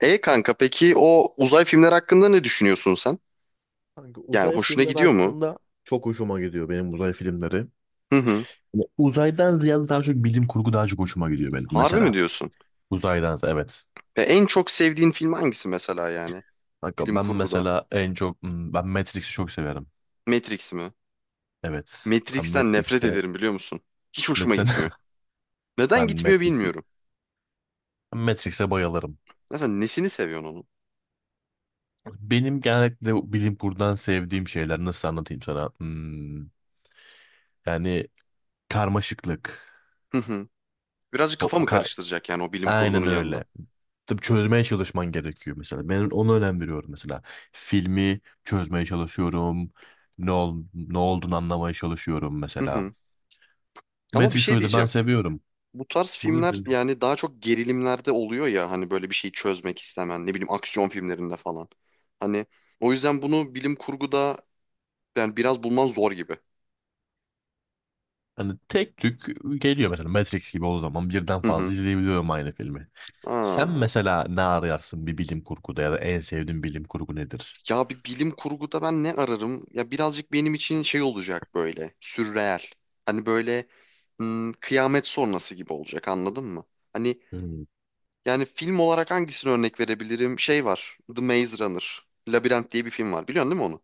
E kanka peki o uzay filmler hakkında ne düşünüyorsun sen? Kanka Yani uzay hoşuna filmleri gidiyor mu? hakkında çok hoşuma gidiyor benim uzay filmleri. Hı hı. Ama uzaydan ziyade daha çok bilim kurgu daha çok hoşuma gidiyor benim Harbi mi mesela. diyorsun? Uzaydan ziyade, evet. Ve en çok sevdiğin film hangisi mesela yani? Kanka Bilim ben kurguda. mesela en çok ben Matrix'i çok severim. Matrix mi? Evet. Ben Matrix'ten nefret Matrix'e ederim biliyor musun? Hiç hoşuma mesela gitmiyor. Neden ben gitmiyor Matrix'i bilmiyorum. ben Matrix'e bayılırım. Mesela nesini seviyorsun onun? Benim genellikle bilim kurgudan sevdiğim şeyler nasıl anlatayım sana? Yani karmaşıklık. Hı hı. Birazcık O, kafa mı ka- karıştıracak yani o bilim kurgunun aynen yanına? öyle. Tabii çözmeye çalışman gerekiyor mesela. Ben ona önem veriyorum mesela. Filmi çözmeye çalışıyorum. Ne olduğunu anlamaya çalışıyorum Hı mesela. hı. Ama bir şey Matrix'i de ben diyeceğim. seviyorum. Bu tarz filmler Buyurun. yani daha çok gerilimlerde oluyor ya hani böyle bir şeyi çözmek istemen ne bileyim aksiyon filmlerinde falan. Hani o yüzden bunu bilim kurguda yani biraz bulman zor gibi. Hani tek tük geliyor mesela Matrix gibi olduğu zaman birden Hı fazla hı. izleyebiliyorum aynı filmi. Sen Aa. mesela ne arayarsın bir bilim kurguda ya da en sevdiğin bilim kurgu nedir? Ya bir bilim kurguda ben ne ararım? Ya birazcık benim için şey olacak böyle sürreel. Hani böyle kıyamet sonrası gibi olacak anladın mı? Hani Hmm. yani film olarak hangisini örnek verebilirim? Şey var The Maze Runner. Labirent diye bir film var biliyorsun değil mi onu?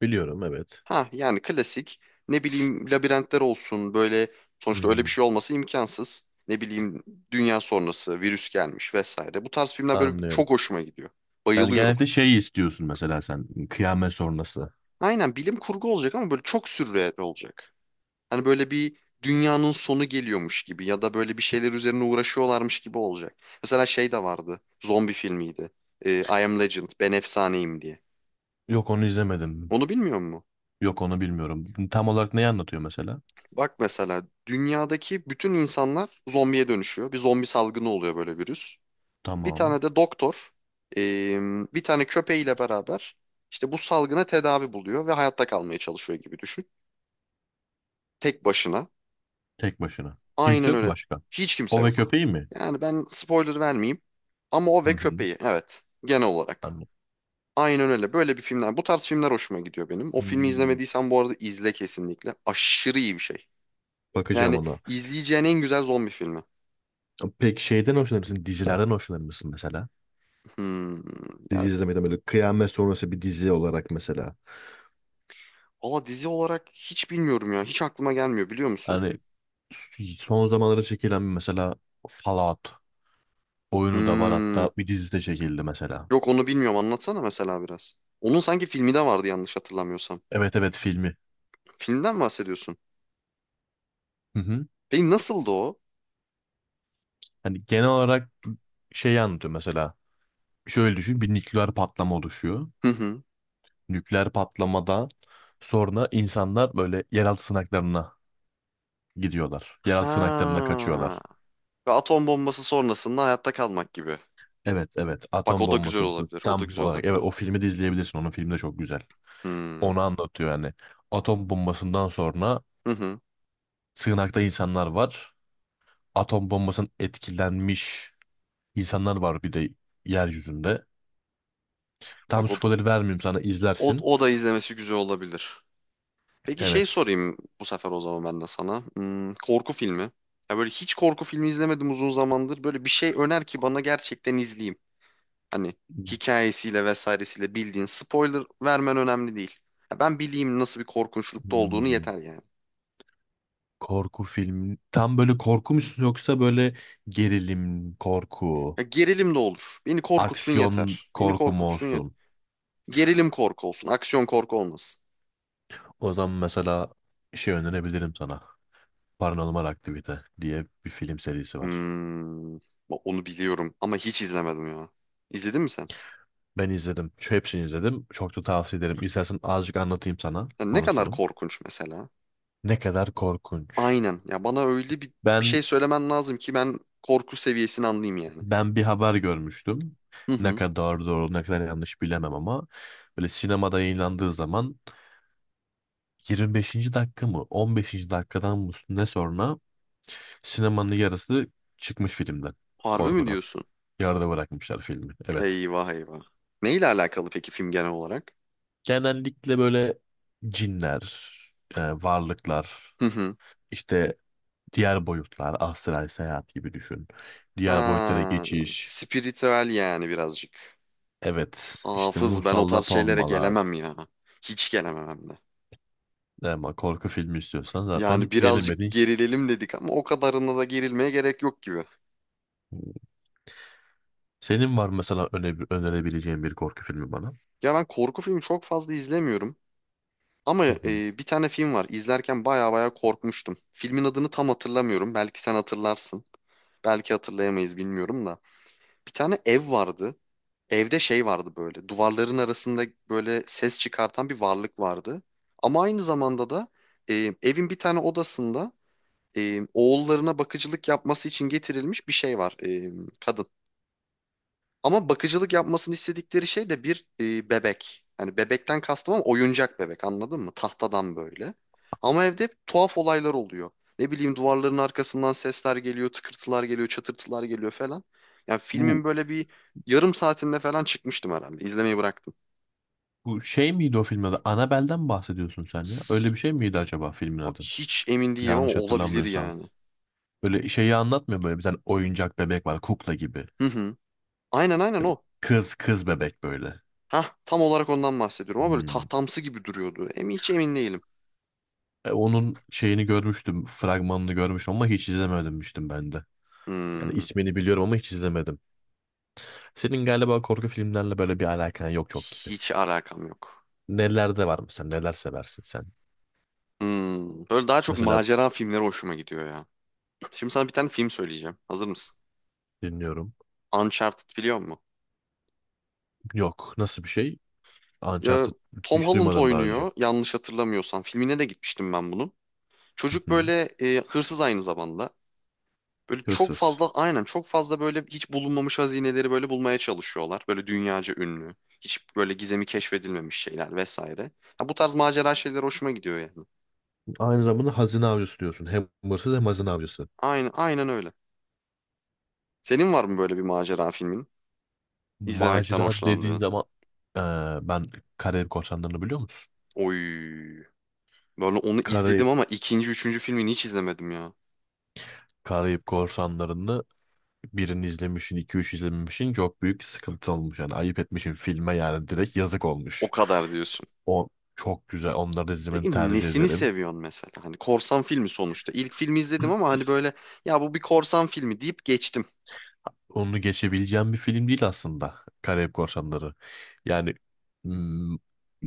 Biliyorum, evet. Ha yani klasik ne bileyim labirentler olsun böyle sonuçta öyle bir Hmm. şey olması imkansız. Ne bileyim dünya sonrası virüs gelmiş vesaire. Bu tarz filmler böyle Anlıyorum. çok hoşuma gidiyor. Yani Bayılıyorum. genellikle şey istiyorsun mesela, sen, kıyamet sonrası. Aynen bilim kurgu olacak ama böyle çok sürreal olacak. Hani böyle bir dünyanın sonu geliyormuş gibi ya da böyle bir şeyler üzerine uğraşıyorlarmış gibi olacak. Mesela şey de vardı. Zombi filmiydi. I Am Legend, Ben Efsaneyim diye. Yok, onu izlemedim. Onu bilmiyor musun? Yok, onu bilmiyorum. Tam olarak neyi anlatıyor mesela? Bak mesela dünyadaki bütün insanlar zombiye dönüşüyor. Bir zombi salgını oluyor böyle virüs. Bir Tamam. tane de doktor eee, bir tane köpeğiyle beraber işte bu salgına tedavi buluyor ve hayatta kalmaya çalışıyor gibi düşün. Tek başına. Tek başına. Kimse Aynen yok mu öyle. başka? Hiç kimse O ve yok. köpeği mi? Yani ben spoiler vermeyeyim. Ama o Hı ve hı. köpeği evet genel olarak. Anladım. Aynen öyle. Böyle bir filmler. Bu tarz filmler hoşuma gidiyor benim. O filmi Hmm. izlemediysen bu arada izle kesinlikle. Aşırı iyi bir şey. Bakacağım Yani ona. izleyeceğin en güzel zombi filmi. Peki şeyden hoşlanır mısın? Dizilerden hoşlanır mısın mesela? Hmm. Ya Dizi izlemeden böyle kıyamet sonrası bir dizi olarak mesela. valla dizi olarak hiç bilmiyorum ya. Hiç aklıma gelmiyor biliyor musun? Hani son zamanlarda çekilen mesela Fallout oyunu da var, Hmm. hatta bir dizi de çekildi mesela. Yok onu bilmiyorum. Anlatsana mesela biraz. Onun sanki filmi de vardı yanlış hatırlamıyorsam. Evet evet, filmi. Filmden mi bahsediyorsun? Hı hı. Peki nasıldı o? Hani genel olarak şeyi anlatıyor mesela. Şöyle düşün, bir nükleer patlama oluşuyor. Hı hı. Nükleer patlamadan sonra insanlar böyle yeraltı sığınaklarına gidiyorlar. Yeraltı sığınaklarına Ha. kaçıyorlar. Ve atom bombası sonrasında hayatta kalmak gibi. Evet evet, Bak atom o da bombası güzel sorusu olabilir. O da tam güzel olarak, evet, olabilir. o filmi de izleyebilirsin, onun filmi de çok güzel. Hmm. Onu anlatıyor yani. Atom bombasından sonra Hı hı. sığınakta insanlar var. Atom bombasının etkilenmiş insanlar var bir de yeryüzünde. Tam Bak o da, spoiler vermeyeyim sana, o, izlersin. o da izlemesi güzel olabilir. Peki şey Evet. sorayım bu sefer o zaman ben de sana. Korku filmi. Ya böyle hiç korku filmi izlemedim uzun zamandır. Böyle bir şey öner ki bana gerçekten izleyeyim. Hani hikayesiyle vesairesiyle bildiğin spoiler vermen önemli değil. Ya ben bileyim nasıl bir korkunçlukta olduğunu Hmm. yeter yani. Korku filmi. Tam böyle korku mu yoksa böyle gerilim korku, Ya gerilim de olur. Beni korkutsun aksiyon yeter. Beni korku mu korkutsun yeter. olsun? Gerilim korku olsun. Aksiyon korku olmasın. O zaman mesela şey önerebilirim sana. Paranormal Aktivite diye bir film serisi var. Bak onu biliyorum ama hiç izlemedim ya. İzledin mi sen? Ben izledim. Şu hepsini izledim. Çok da tavsiye ederim. İstersen azıcık anlatayım sana Ya ne kadar konusunu. korkunç mesela? Ne kadar korkunç. Aynen. Ya bana öyle bir Ben şey söylemen lazım ki ben korku seviyesini anlayayım yani. ben bir haber görmüştüm. Hı Ne hı. kadar doğru, ne kadar yanlış bilemem ama böyle sinemada yayınlandığı zaman 25. dakika mı 15. dakikadan mı ne sonra sinemanın yarısı çıkmış filmden Harbi mi korkudan. diyorsun? Yarıda bırakmışlar filmi. Evet. Eyvah eyvah. Neyle alakalı peki film genel olarak? Genellikle böyle cinler, varlıklar, Hı hı. işte diğer boyutlar, astral seyahat gibi düşün. Diğer boyutlara Ha, geçiş. spiritüel yani birazcık. Evet, işte Hafız ben o tarz musallat şeylere olmalar. gelemem ya. Hiç gelemem hem de. Ama korku filmi istiyorsan Yani zaten birazcık gelemedin. gerilelim dedik ama o kadarına da gerilmeye gerek yok gibi. Senin var mesela önerebileceğin bir korku filmi bana. Ya ben korku filmi çok fazla izlemiyorum. Ama Hı hı. Bir tane film var. İzlerken baya baya korkmuştum. Filmin adını tam hatırlamıyorum. Belki sen hatırlarsın. Belki hatırlayamayız bilmiyorum da. Bir tane ev vardı. Evde şey vardı böyle. Duvarların arasında böyle ses çıkartan bir varlık vardı. Ama aynı zamanda da evin bir tane odasında oğullarına bakıcılık yapması için getirilmiş bir şey var. Kadın. Ama bakıcılık yapmasını istedikleri şey de bir bebek. Hani bebekten kastım ama oyuncak bebek anladın mı? Tahtadan böyle. Ama evde hep tuhaf olaylar oluyor. Ne bileyim duvarların arkasından sesler geliyor, tıkırtılar geliyor, çatırtılar geliyor falan. Yani Bu filmin böyle bir yarım saatinde falan çıkmıştım herhalde. İzlemeyi bıraktım. Bu şey miydi o filmin adı? Annabelle'den bahsediyorsun sen ya. Öyle S- bir şey miydi acaba filmin adı? Hiç emin değilim ama Yanlış olabilir hatırlamıyorsam. yani. Öyle şeyi anlatmıyor, böyle bir tane oyuncak bebek var, kukla gibi. Hı hı. Aynen o. Kız bebek böyle. Hah tam olarak ondan bahsediyorum ama böyle Hmm. tahtamsı gibi duruyordu. Hiç emin değilim. E, onun şeyini görmüştüm, fragmanını görmüştüm ama hiç izlememiştim ben de. Yani Hmm, ismini biliyorum ama hiç izlemedim. Senin galiba korku filmlerle böyle bir alakan yok çok gibi. hiç alakam yok. Nelerde var mesela? Neler seversin sen? Böyle daha çok Mesela macera filmleri hoşuma gidiyor ya. Şimdi sana bir tane film söyleyeceğim. Hazır mısın? dinliyorum. Uncharted biliyor musun? Yok. Nasıl bir şey? Ya, Uncharted, Tom hiç Holland duymadım daha önce. oynuyor yanlış hatırlamıyorsam. Filmine de gitmiştim ben bunun. Hı Çocuk hı. böyle hırsız aynı zamanda. Böyle Hırsız. Çok fazla böyle hiç bulunmamış hazineleri böyle bulmaya çalışıyorlar. Böyle dünyaca ünlü. Hiç böyle gizemi keşfedilmemiş şeyler vesaire. Ha, bu tarz macera şeyler hoşuma gidiyor yani. Aynı zamanda hazine avcısı diyorsun. Hem hırsız hem hazine avcısı. Aynen öyle. Senin var mı böyle bir macera filmin? İzlemekten Macera dediğin hoşlandığın? zaman ben Karayip Korsanları'nı biliyor musun? Oy. Böyle onu izledim Karayip, ama ikinci, üçüncü filmini hiç izlemedim ya. Karayip Korsanları'nı birini izlemişsin, iki üç izlememişsin, çok büyük sıkıntı olmuş. Yani ayıp etmişsin filme yani, direkt yazık O olmuş. kadar diyorsun. O çok güzel. Onları da izlemeni Peki tercih nesini ederim. seviyorsun mesela? Hani korsan filmi sonuçta. İlk filmi izledim ama hani böyle ya bu bir korsan filmi deyip geçtim. Onu geçebileceğim bir film değil aslında Karayip Korsanları. Yani mm,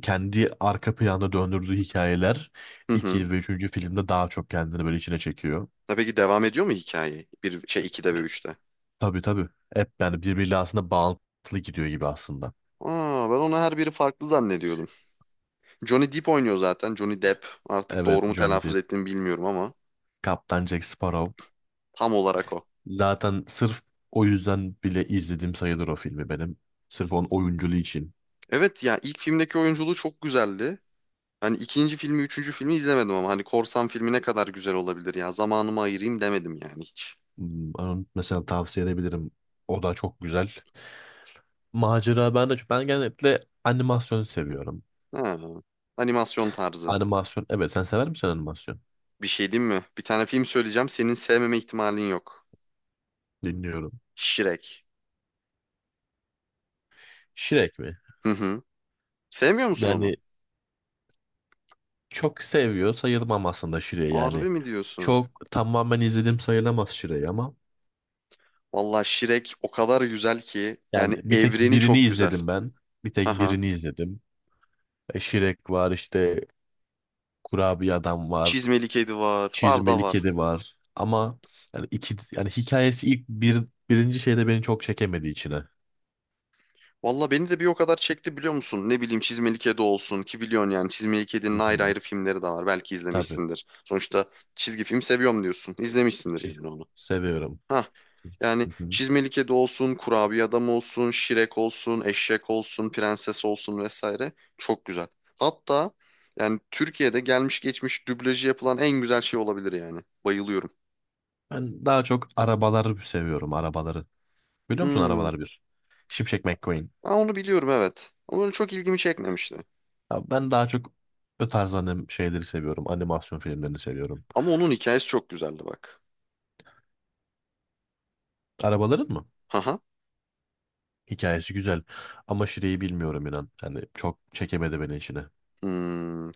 kendi arka planda döndürdüğü hikayeler Hı hı. 2 ve üçüncü filmde daha çok kendini böyle içine çekiyor. Ya peki devam ediyor mu hikaye? Bir şey 2'de ve üçte? Tabii tabii. Hep yani birbiriyle aslında bağlantılı gidiyor gibi aslında. Aa ben onu her biri farklı zannediyordum. Johnny Depp oynuyor zaten. Johnny Depp. Artık Evet, doğru mu Johnny telaffuz Depp, ettiğimi bilmiyorum ama Kaptan Jack Sparrow. tam olarak o. Zaten sırf o yüzden bile izlediğim sayılır o filmi benim. Sırf onun oyunculuğu için. Evet ya ilk filmdeki oyunculuğu çok güzeldi. Hani ikinci filmi, üçüncü filmi izlemedim ama hani korsan filmi ne kadar güzel olabilir ya. Zamanımı ayırayım demedim yani hiç. Onu mesela tavsiye edebilirim. O da çok güzel. Macera, ben genellikle animasyon seviyorum. Ha, animasyon tarzı. Animasyon, evet, sen sever misin animasyon? Bir şey diyeyim mi? Bir tane film söyleyeceğim. Senin sevmeme ihtimalin yok. Dinliyorum. Shrek. Shrek mi? Hı hı. Sevmiyor musun onu? Yani çok seviyor sayılmam aslında Shrek'i yani. Harbi mi diyorsun? Çok tamamen izledim sayılamaz Shrek'i ama Valla Shrek o kadar güzel ki. yani Yani bir tek evreni birini çok güzel. izledim ben. Bir tek Aha. birini izledim. E, Shrek var, işte kurabiye adam var. Çizmeli Kedi var. Var da Çizmeli var. kedi var. Ama yani iki yani hikayesi ilk bir birinci şeyde beni çok çekemedi içine. Hı Valla beni de bir o kadar çekti biliyor musun? Ne bileyim Çizmeli Kedi olsun ki biliyorsun yani Çizmeli Kedi'nin ayrı hı. ayrı filmleri de var. Belki Tabii. izlemişsindir. Sonuçta çizgi film seviyorum diyorsun. İzlemişsindir Hiç. yani onu. Seviyorum. Ha yani Hı hı. Çizmeli Kedi olsun, Kurabiye Adam olsun, Şirek olsun, Eşek olsun, Prenses olsun vesaire çok güzel. Hatta yani Türkiye'de gelmiş geçmiş dublajı yapılan en güzel şey olabilir yani. Bayılıyorum. Ben daha çok arabaları seviyorum, arabaları. Biliyor musun Hmm. Arabalar bir? Şimşek McQueen. Ha, onu biliyorum evet. Ama öyle çok ilgimi çekmemişti. Ya ben daha çok o tarz şeyleri seviyorum. Animasyon filmlerini seviyorum. Ama onun hikayesi çok güzeldi bak. Arabaların mı? Haha. Hikayesi güzel. Ama Şire'yi bilmiyorum inan. Yani çok çekemedi beni içine. Hmm.